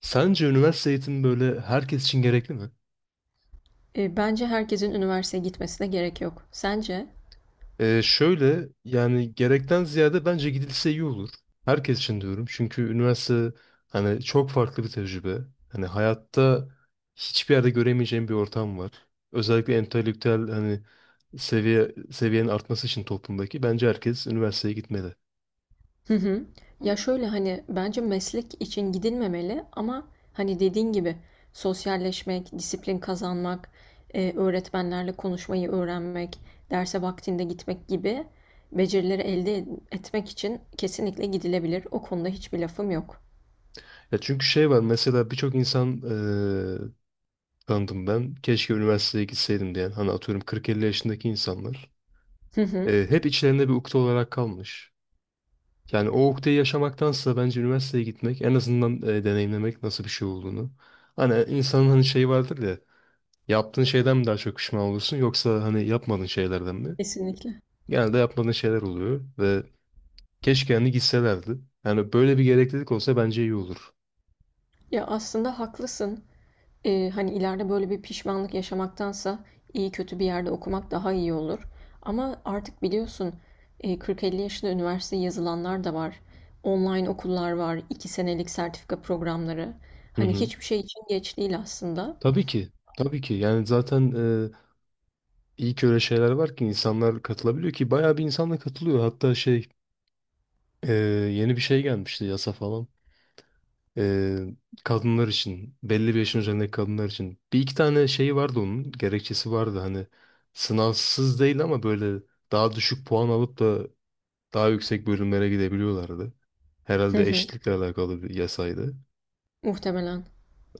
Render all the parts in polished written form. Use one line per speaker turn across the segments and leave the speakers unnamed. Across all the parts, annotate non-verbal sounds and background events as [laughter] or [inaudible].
Sence üniversite eğitimi böyle herkes için gerekli mi?
Bence herkesin üniversiteye gitmesine gerek yok. Sence?
Şöyle yani gerekten ziyade bence gidilse iyi olur. Herkes için diyorum. Çünkü üniversite hani çok farklı bir tecrübe. Hani hayatta hiçbir yerde göremeyeceğim bir ortam var. Özellikle entelektüel hani seviyenin artması için toplumdaki bence herkes üniversiteye gitmeli.
Hı hı. Ya şöyle hani bence meslek için gidilmemeli, ama hani dediğin gibi sosyalleşmek, disiplin kazanmak, öğretmenlerle konuşmayı öğrenmek, derse vaktinde gitmek gibi becerileri elde etmek için kesinlikle gidilebilir. O konuda hiçbir lafım yok.
Ya çünkü şey var mesela birçok insan tanıdım ben. Keşke üniversiteye gitseydim diyen hani atıyorum 40-50 yaşındaki insanlar.
Hı hı.
Hep içlerinde bir ukde olarak kalmış. Yani o ukdeyi yaşamaktansa bence üniversiteye gitmek en azından deneyimlemek nasıl bir şey olduğunu. Hani insanın hani şeyi vardır ya, yaptığın şeyden mi daha çok pişman olursun yoksa hani yapmadığın şeylerden mi?
Kesinlikle.
Genelde yapmadığın şeyler oluyor ve keşke hani gitselerdi. Yani böyle bir gereklilik olsa bence iyi olur.
Ya, aslında haklısın. Hani ileride böyle bir pişmanlık yaşamaktansa iyi kötü bir yerde okumak daha iyi olur. Ama artık biliyorsun, 40-50 yaşında üniversiteye yazılanlar da var. Online okullar var, 2 senelik sertifika programları.
Hı
Hani
hı.
hiçbir şey için geç değil aslında.
Tabii ki. Tabii ki. Yani zaten e, iyi ki öyle şeyler var ki insanlar katılabiliyor ki bayağı bir insanla katılıyor. Hatta şey e, yeni bir şey gelmişti yasa falan. Ee, Kadınlar için, belli bir yaşın üzerindeki kadınlar için. Bir iki tane şey vardı onun, gerekçesi vardı. Hani sınavsız değil ama böyle daha düşük puan alıp da daha yüksek bölümlere gidebiliyorlardı.
Hı
Herhalde
hı,
eşitlikle alakalı bir yasaydı.
muhtemelen.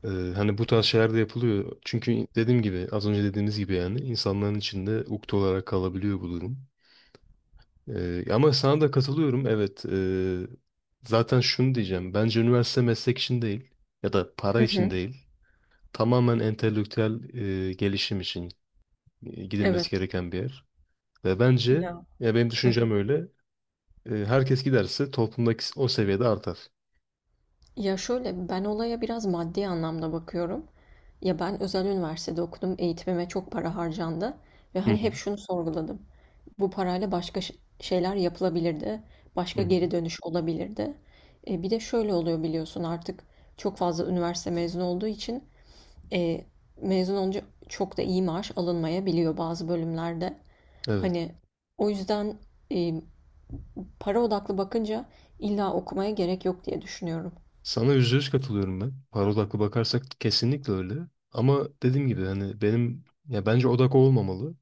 Ee, Hani bu tarz şeyler de yapılıyor. Çünkü dediğim gibi, az önce dediğimiz gibi yani insanların içinde ukde olarak kalabiliyor bu durum. Ama sana da katılıyorum. Evet, zaten şunu diyeceğim. Bence üniversite meslek için değil ya da para
Hı
için
hı,
değil. Tamamen entelektüel gelişim için
evet.
gidilmesi gereken bir yer. Ve bence,
Ya.
ya benim
Hı
düşüncem
hı.
öyle, herkes giderse toplumdaki o seviyede artar.
Ya şöyle, ben olaya biraz maddi anlamda bakıyorum. Ya ben özel üniversitede okudum, eğitimime çok para harcandı ve
Hı
hani
hı.
hep şunu sorguladım. Bu parayla başka şeyler yapılabilirdi. Başka
Hı hı.
geri dönüş olabilirdi. Bir de şöyle oluyor, biliyorsun artık çok fazla üniversite mezunu olduğu için, e, mezun olunca çok da iyi maaş alınmayabiliyor bazı bölümlerde.
Evet.
Hani o yüzden, e, para odaklı bakınca illa okumaya gerek yok diye düşünüyorum.
Sana yüzde yüz katılıyorum ben. Para odaklı bakarsak kesinlikle öyle. Ama dediğim gibi hani benim ya bence odak o olmamalı.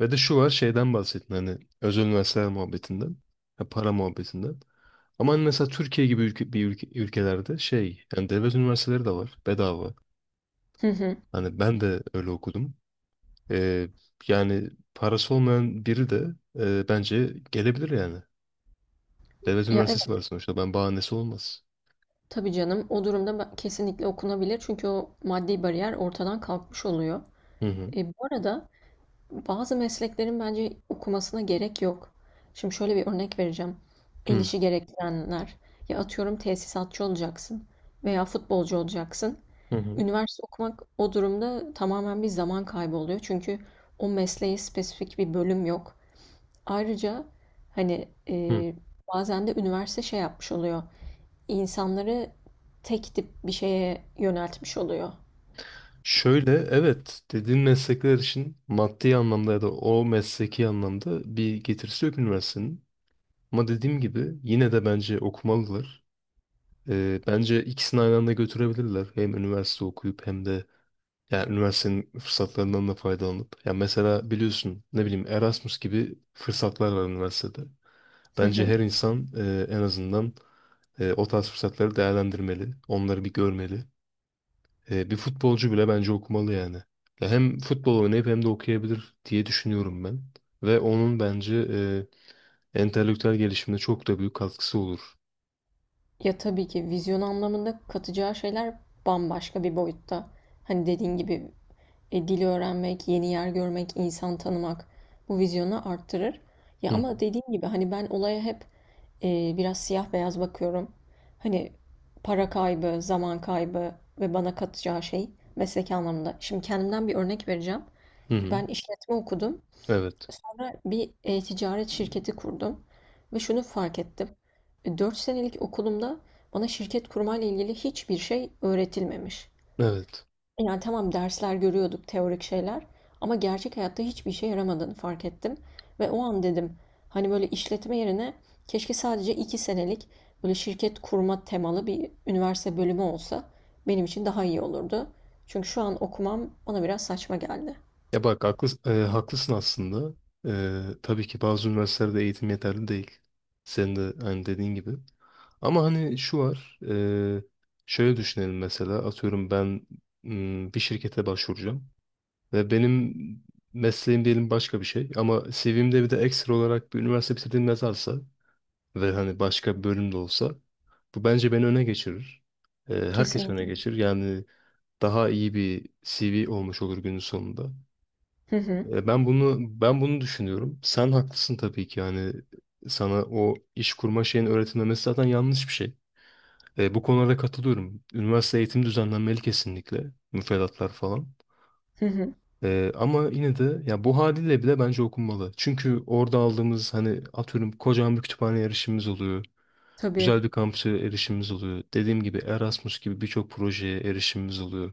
Ve de şu var, şeyden bahsettin hani özel üniversiteler muhabbetinden, ya para muhabbetinden. Ama hani mesela Türkiye gibi ülke, bir ülkelerde şey yani devlet üniversiteleri de var bedava.
Hı hı.
Hani ben de öyle okudum. Ee, Yani parası olmayan biri de bence gelebilir yani. Devlet
Ya evet,
üniversitesi var sonuçta. Ben bahanesi olmaz.
tabii canım, o durumda kesinlikle okunabilir çünkü o maddi bariyer ortadan kalkmış oluyor.
Hı hı.
Bu arada, bazı mesleklerin bence okumasına gerek yok. Şimdi şöyle bir örnek vereceğim. El
Hı
işi gerektirenler. Ya, atıyorum tesisatçı olacaksın veya futbolcu olacaksın.
hı. Hı.
Üniversite okumak o durumda tamamen bir zaman kaybı oluyor. Çünkü o mesleğe spesifik bir bölüm yok. Ayrıca hani,
Hı.
bazen de üniversite şey yapmış oluyor. İnsanları tek tip bir şeye yöneltmiş oluyor.
Şöyle evet, dediğin meslekler için maddi anlamda ya da o mesleki anlamda bir getirisi yok üniversitenin. Ama dediğim gibi yine de bence okumalılar. Bence ikisini aynı anda götürebilirler. Hem üniversite okuyup hem de yani üniversitenin fırsatlarından da faydalanıp. Ya mesela biliyorsun ne bileyim Erasmus gibi fırsatlar var üniversitede. Bence her
[laughs]
insan en azından o tarz fırsatları değerlendirmeli. Onları bir görmeli. E, bir futbolcu bile bence okumalı yani. Ya hem futbol oynayıp hem de okuyabilir diye düşünüyorum ben. Ve onun bence entelektüel gelişimine çok da büyük katkısı olur.
Ya, tabii ki vizyon anlamında katacağı şeyler bambaşka bir boyutta. Hani dediğin gibi, dil öğrenmek, yeni yer görmek, insan tanımak bu vizyonu arttırır. Ya,
Hı
ama
hı.
dediğim gibi hani ben olaya hep biraz siyah beyaz bakıyorum. Hani para kaybı, zaman kaybı ve bana katacağı şey mesleki anlamda. Şimdi kendimden bir örnek vereceğim.
Hı hı.
Ben işletme okudum.
Evet.
Sonra bir e-ticaret şirketi kurdum ve şunu fark ettim. 4 senelik okulumda bana şirket kurmayla ilgili hiçbir şey öğretilmemiş.
Evet.
Yani tamam, dersler görüyorduk, teorik şeyler, ama gerçek hayatta hiçbir işe yaramadığını fark ettim. Ve o an dedim, hani böyle işletme yerine keşke sadece 2 senelik böyle şirket kurma temalı bir üniversite bölümü olsa benim için daha iyi olurdu. Çünkü şu an okumam bana biraz saçma geldi.
Ya bak haklısın, haklısın aslında. E, tabii ki bazı üniversitelerde eğitim yeterli değil. Senin de hani dediğin gibi. Ama hani şu var. Şöyle düşünelim mesela. Atıyorum ben bir şirkete başvuracağım. Ve benim mesleğim diyelim başka bir şey. Ama CV'mde bir de ekstra olarak bir üniversite bitirdiğim yazarsa ve hani başka bir bölüm de olsa, bu bence beni öne geçirir. E, herkes öne
Kesinlikle.
geçirir. Yani daha iyi bir CV olmuş olur günün sonunda.
Hı hı.
E, ben bunu düşünüyorum. Sen haklısın tabii ki, yani sana o iş kurma şeyin öğretilmemesi zaten yanlış bir şey. E, bu konularda katılıyorum. Üniversite eğitim düzenlenmeli kesinlikle. Müfredatlar falan.
Hı hı.
E, ama yine de ya bu haliyle bile bence okunmalı. Çünkü orada aldığımız hani atıyorum kocaman bir kütüphane erişimimiz oluyor.
Tabii.
Güzel bir kampüse erişimimiz oluyor. Dediğim gibi Erasmus gibi birçok projeye erişimimiz oluyor.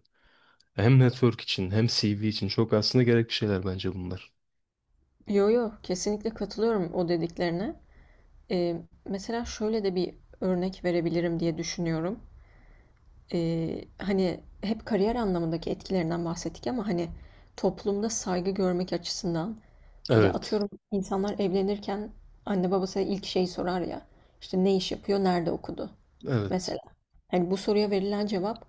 Hem network için hem CV için çok aslında gerekli şeyler bence bunlar.
Yo, yo, kesinlikle katılıyorum o dediklerine. Ee, Mesela şöyle de bir örnek verebilirim diye düşünüyorum. Hani hep kariyer anlamındaki etkilerinden bahsettik, ama hani toplumda saygı görmek açısından, ya
Evet.
atıyorum insanlar evlenirken anne babası ilk şeyi sorar ya, işte ne iş yapıyor, nerede okudu mesela.
Evet.
Hani bu soruya verilen cevap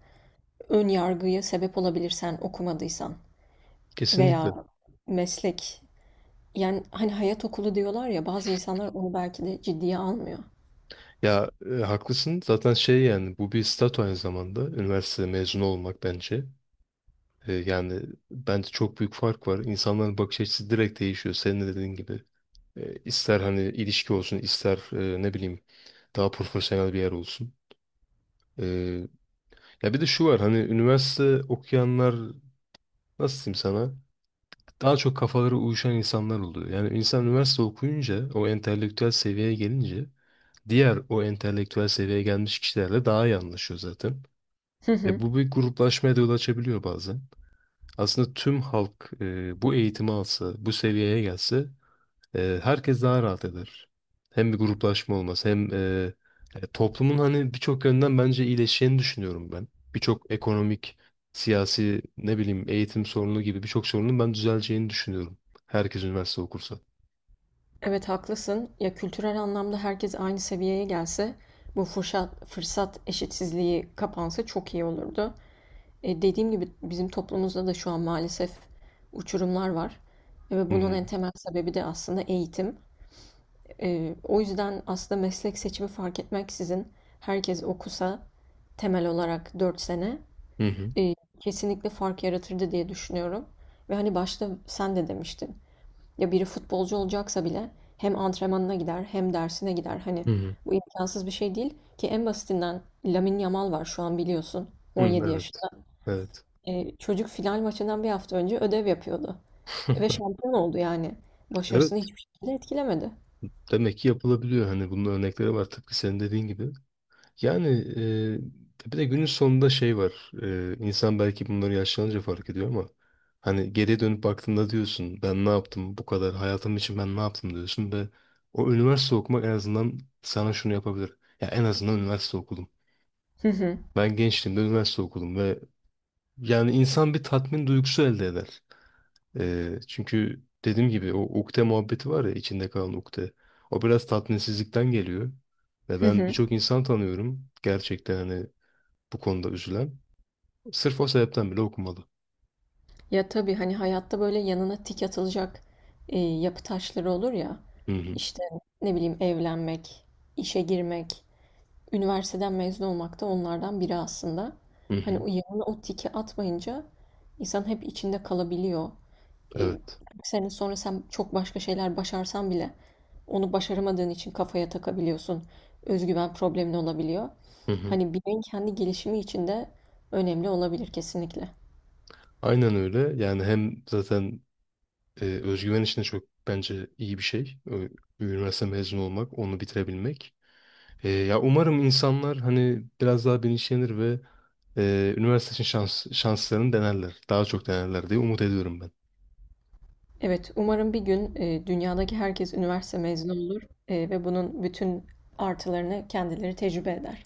ön yargıya sebep olabilir, sen okumadıysan veya
Kesinlikle.
meslek. Yani hani hayat okulu diyorlar ya, bazı insanlar onu belki de ciddiye almıyor.
Ya e, haklısın. Zaten şey yani bu bir statü aynı zamanda. Üniversite mezunu olmak bence. E, yani bence çok büyük fark var. İnsanların bakış açısı direkt değişiyor. Senin de dediğin gibi. E, ister hani ilişki olsun, ister ne bileyim daha profesyonel bir yer olsun. E, ya bir de şu var hani üniversite okuyanlar nasıl diyeyim sana? Daha çok kafaları uyuşan insanlar oluyor. Yani insan üniversite okuyunca o entelektüel seviyeye gelince diğer o entelektüel seviyeye gelmiş kişilerle daha iyi anlaşıyor zaten.
Hı
Ve
hı.
bu bir gruplaşmaya da yol açabiliyor bazen. Aslında tüm halk bu eğitimi alsa, bu seviyeye gelse, herkes daha rahat eder. Hem bir gruplaşma olmaz hem toplumun hani birçok yönden bence iyileşeceğini düşünüyorum ben. Birçok ekonomik, siyasi, ne bileyim eğitim sorunu gibi birçok sorunun ben düzeleceğini düşünüyorum. Herkes üniversite okursa.
Evet, haklısın. Ya kültürel anlamda herkes aynı seviyeye gelse, bu fırsat eşitsizliği kapansa çok iyi olurdu. Dediğim gibi bizim toplumumuzda da şu an maalesef uçurumlar var. Ve
Hı
bunun
hı.
en temel sebebi de aslında eğitim. O yüzden aslında meslek seçimi fark etmeksizin herkes okusa, temel olarak 4 sene,
Hı hı.
e, kesinlikle fark yaratırdı diye düşünüyorum. Ve hani başta sen de demiştin. Ya biri futbolcu olacaksa bile hem antrenmanına gider hem dersine gider. Hani
Hı hı.
bu imkansız bir şey değil ki, en basitinden Lamine Yamal var şu an biliyorsun,
Hı,
17
evet.
yaşında.
Evet.
Çocuk final maçından bir hafta önce ödev yapıyordu. Ve şampiyon oldu yani. Başarısını
Evet.
hiçbir şekilde etkilemedi.
Demek ki yapılabiliyor. Hani bunun örnekleri var tıpkı senin dediğin gibi. Yani bir de günün sonunda şey var. E, insan belki bunları yaşlanınca fark ediyor ama hani geriye dönüp baktığında diyorsun ben ne yaptım bu kadar hayatım için, ben ne yaptım diyorsun ve o üniversite okumak en azından sana şunu yapabilir. Ya en azından üniversite okudum.
Hı hı.
Ben gençliğimde üniversite okudum ve yani insan bir tatmin duygusu elde eder. E, çünkü dediğim gibi o ukde muhabbeti var ya, içinde kalan ukde. O biraz tatminsizlikten geliyor. Ve
Hı
ben
hı.
birçok insan tanıyorum. Gerçekten hani bu konuda üzülen sırf o sebepten bile okumalı.
Ya tabii, hani hayatta böyle yanına tik atılacak, yapı taşları olur ya.
Hı hı,
İşte, ne bileyim, evlenmek, işe girmek, üniversiteden mezun olmak da onlardan biri aslında.
hı
Hani
hı,
o yanına o tiki atmayınca insan hep içinde kalabiliyor. E,
evet.
Bir sene sonra sen çok başka şeyler başarsan bile onu başaramadığın için kafaya takabiliyorsun. Özgüven problemin olabiliyor.
Hı hı.
Hani bireyin kendi gelişimi için de önemli olabilir kesinlikle.
Aynen öyle. Yani hem zaten özgüven için de çok bence iyi bir şey. Üniversite mezunu olmak, onu bitirebilmek. E, ya umarım insanlar hani biraz daha bilinçlenir ve üniversite için şanslarını denerler. Daha çok denerler diye umut ediyorum ben.
Evet, umarım bir gün dünyadaki herkes üniversite mezunu olur, ve bunun bütün artılarını kendileri tecrübe eder.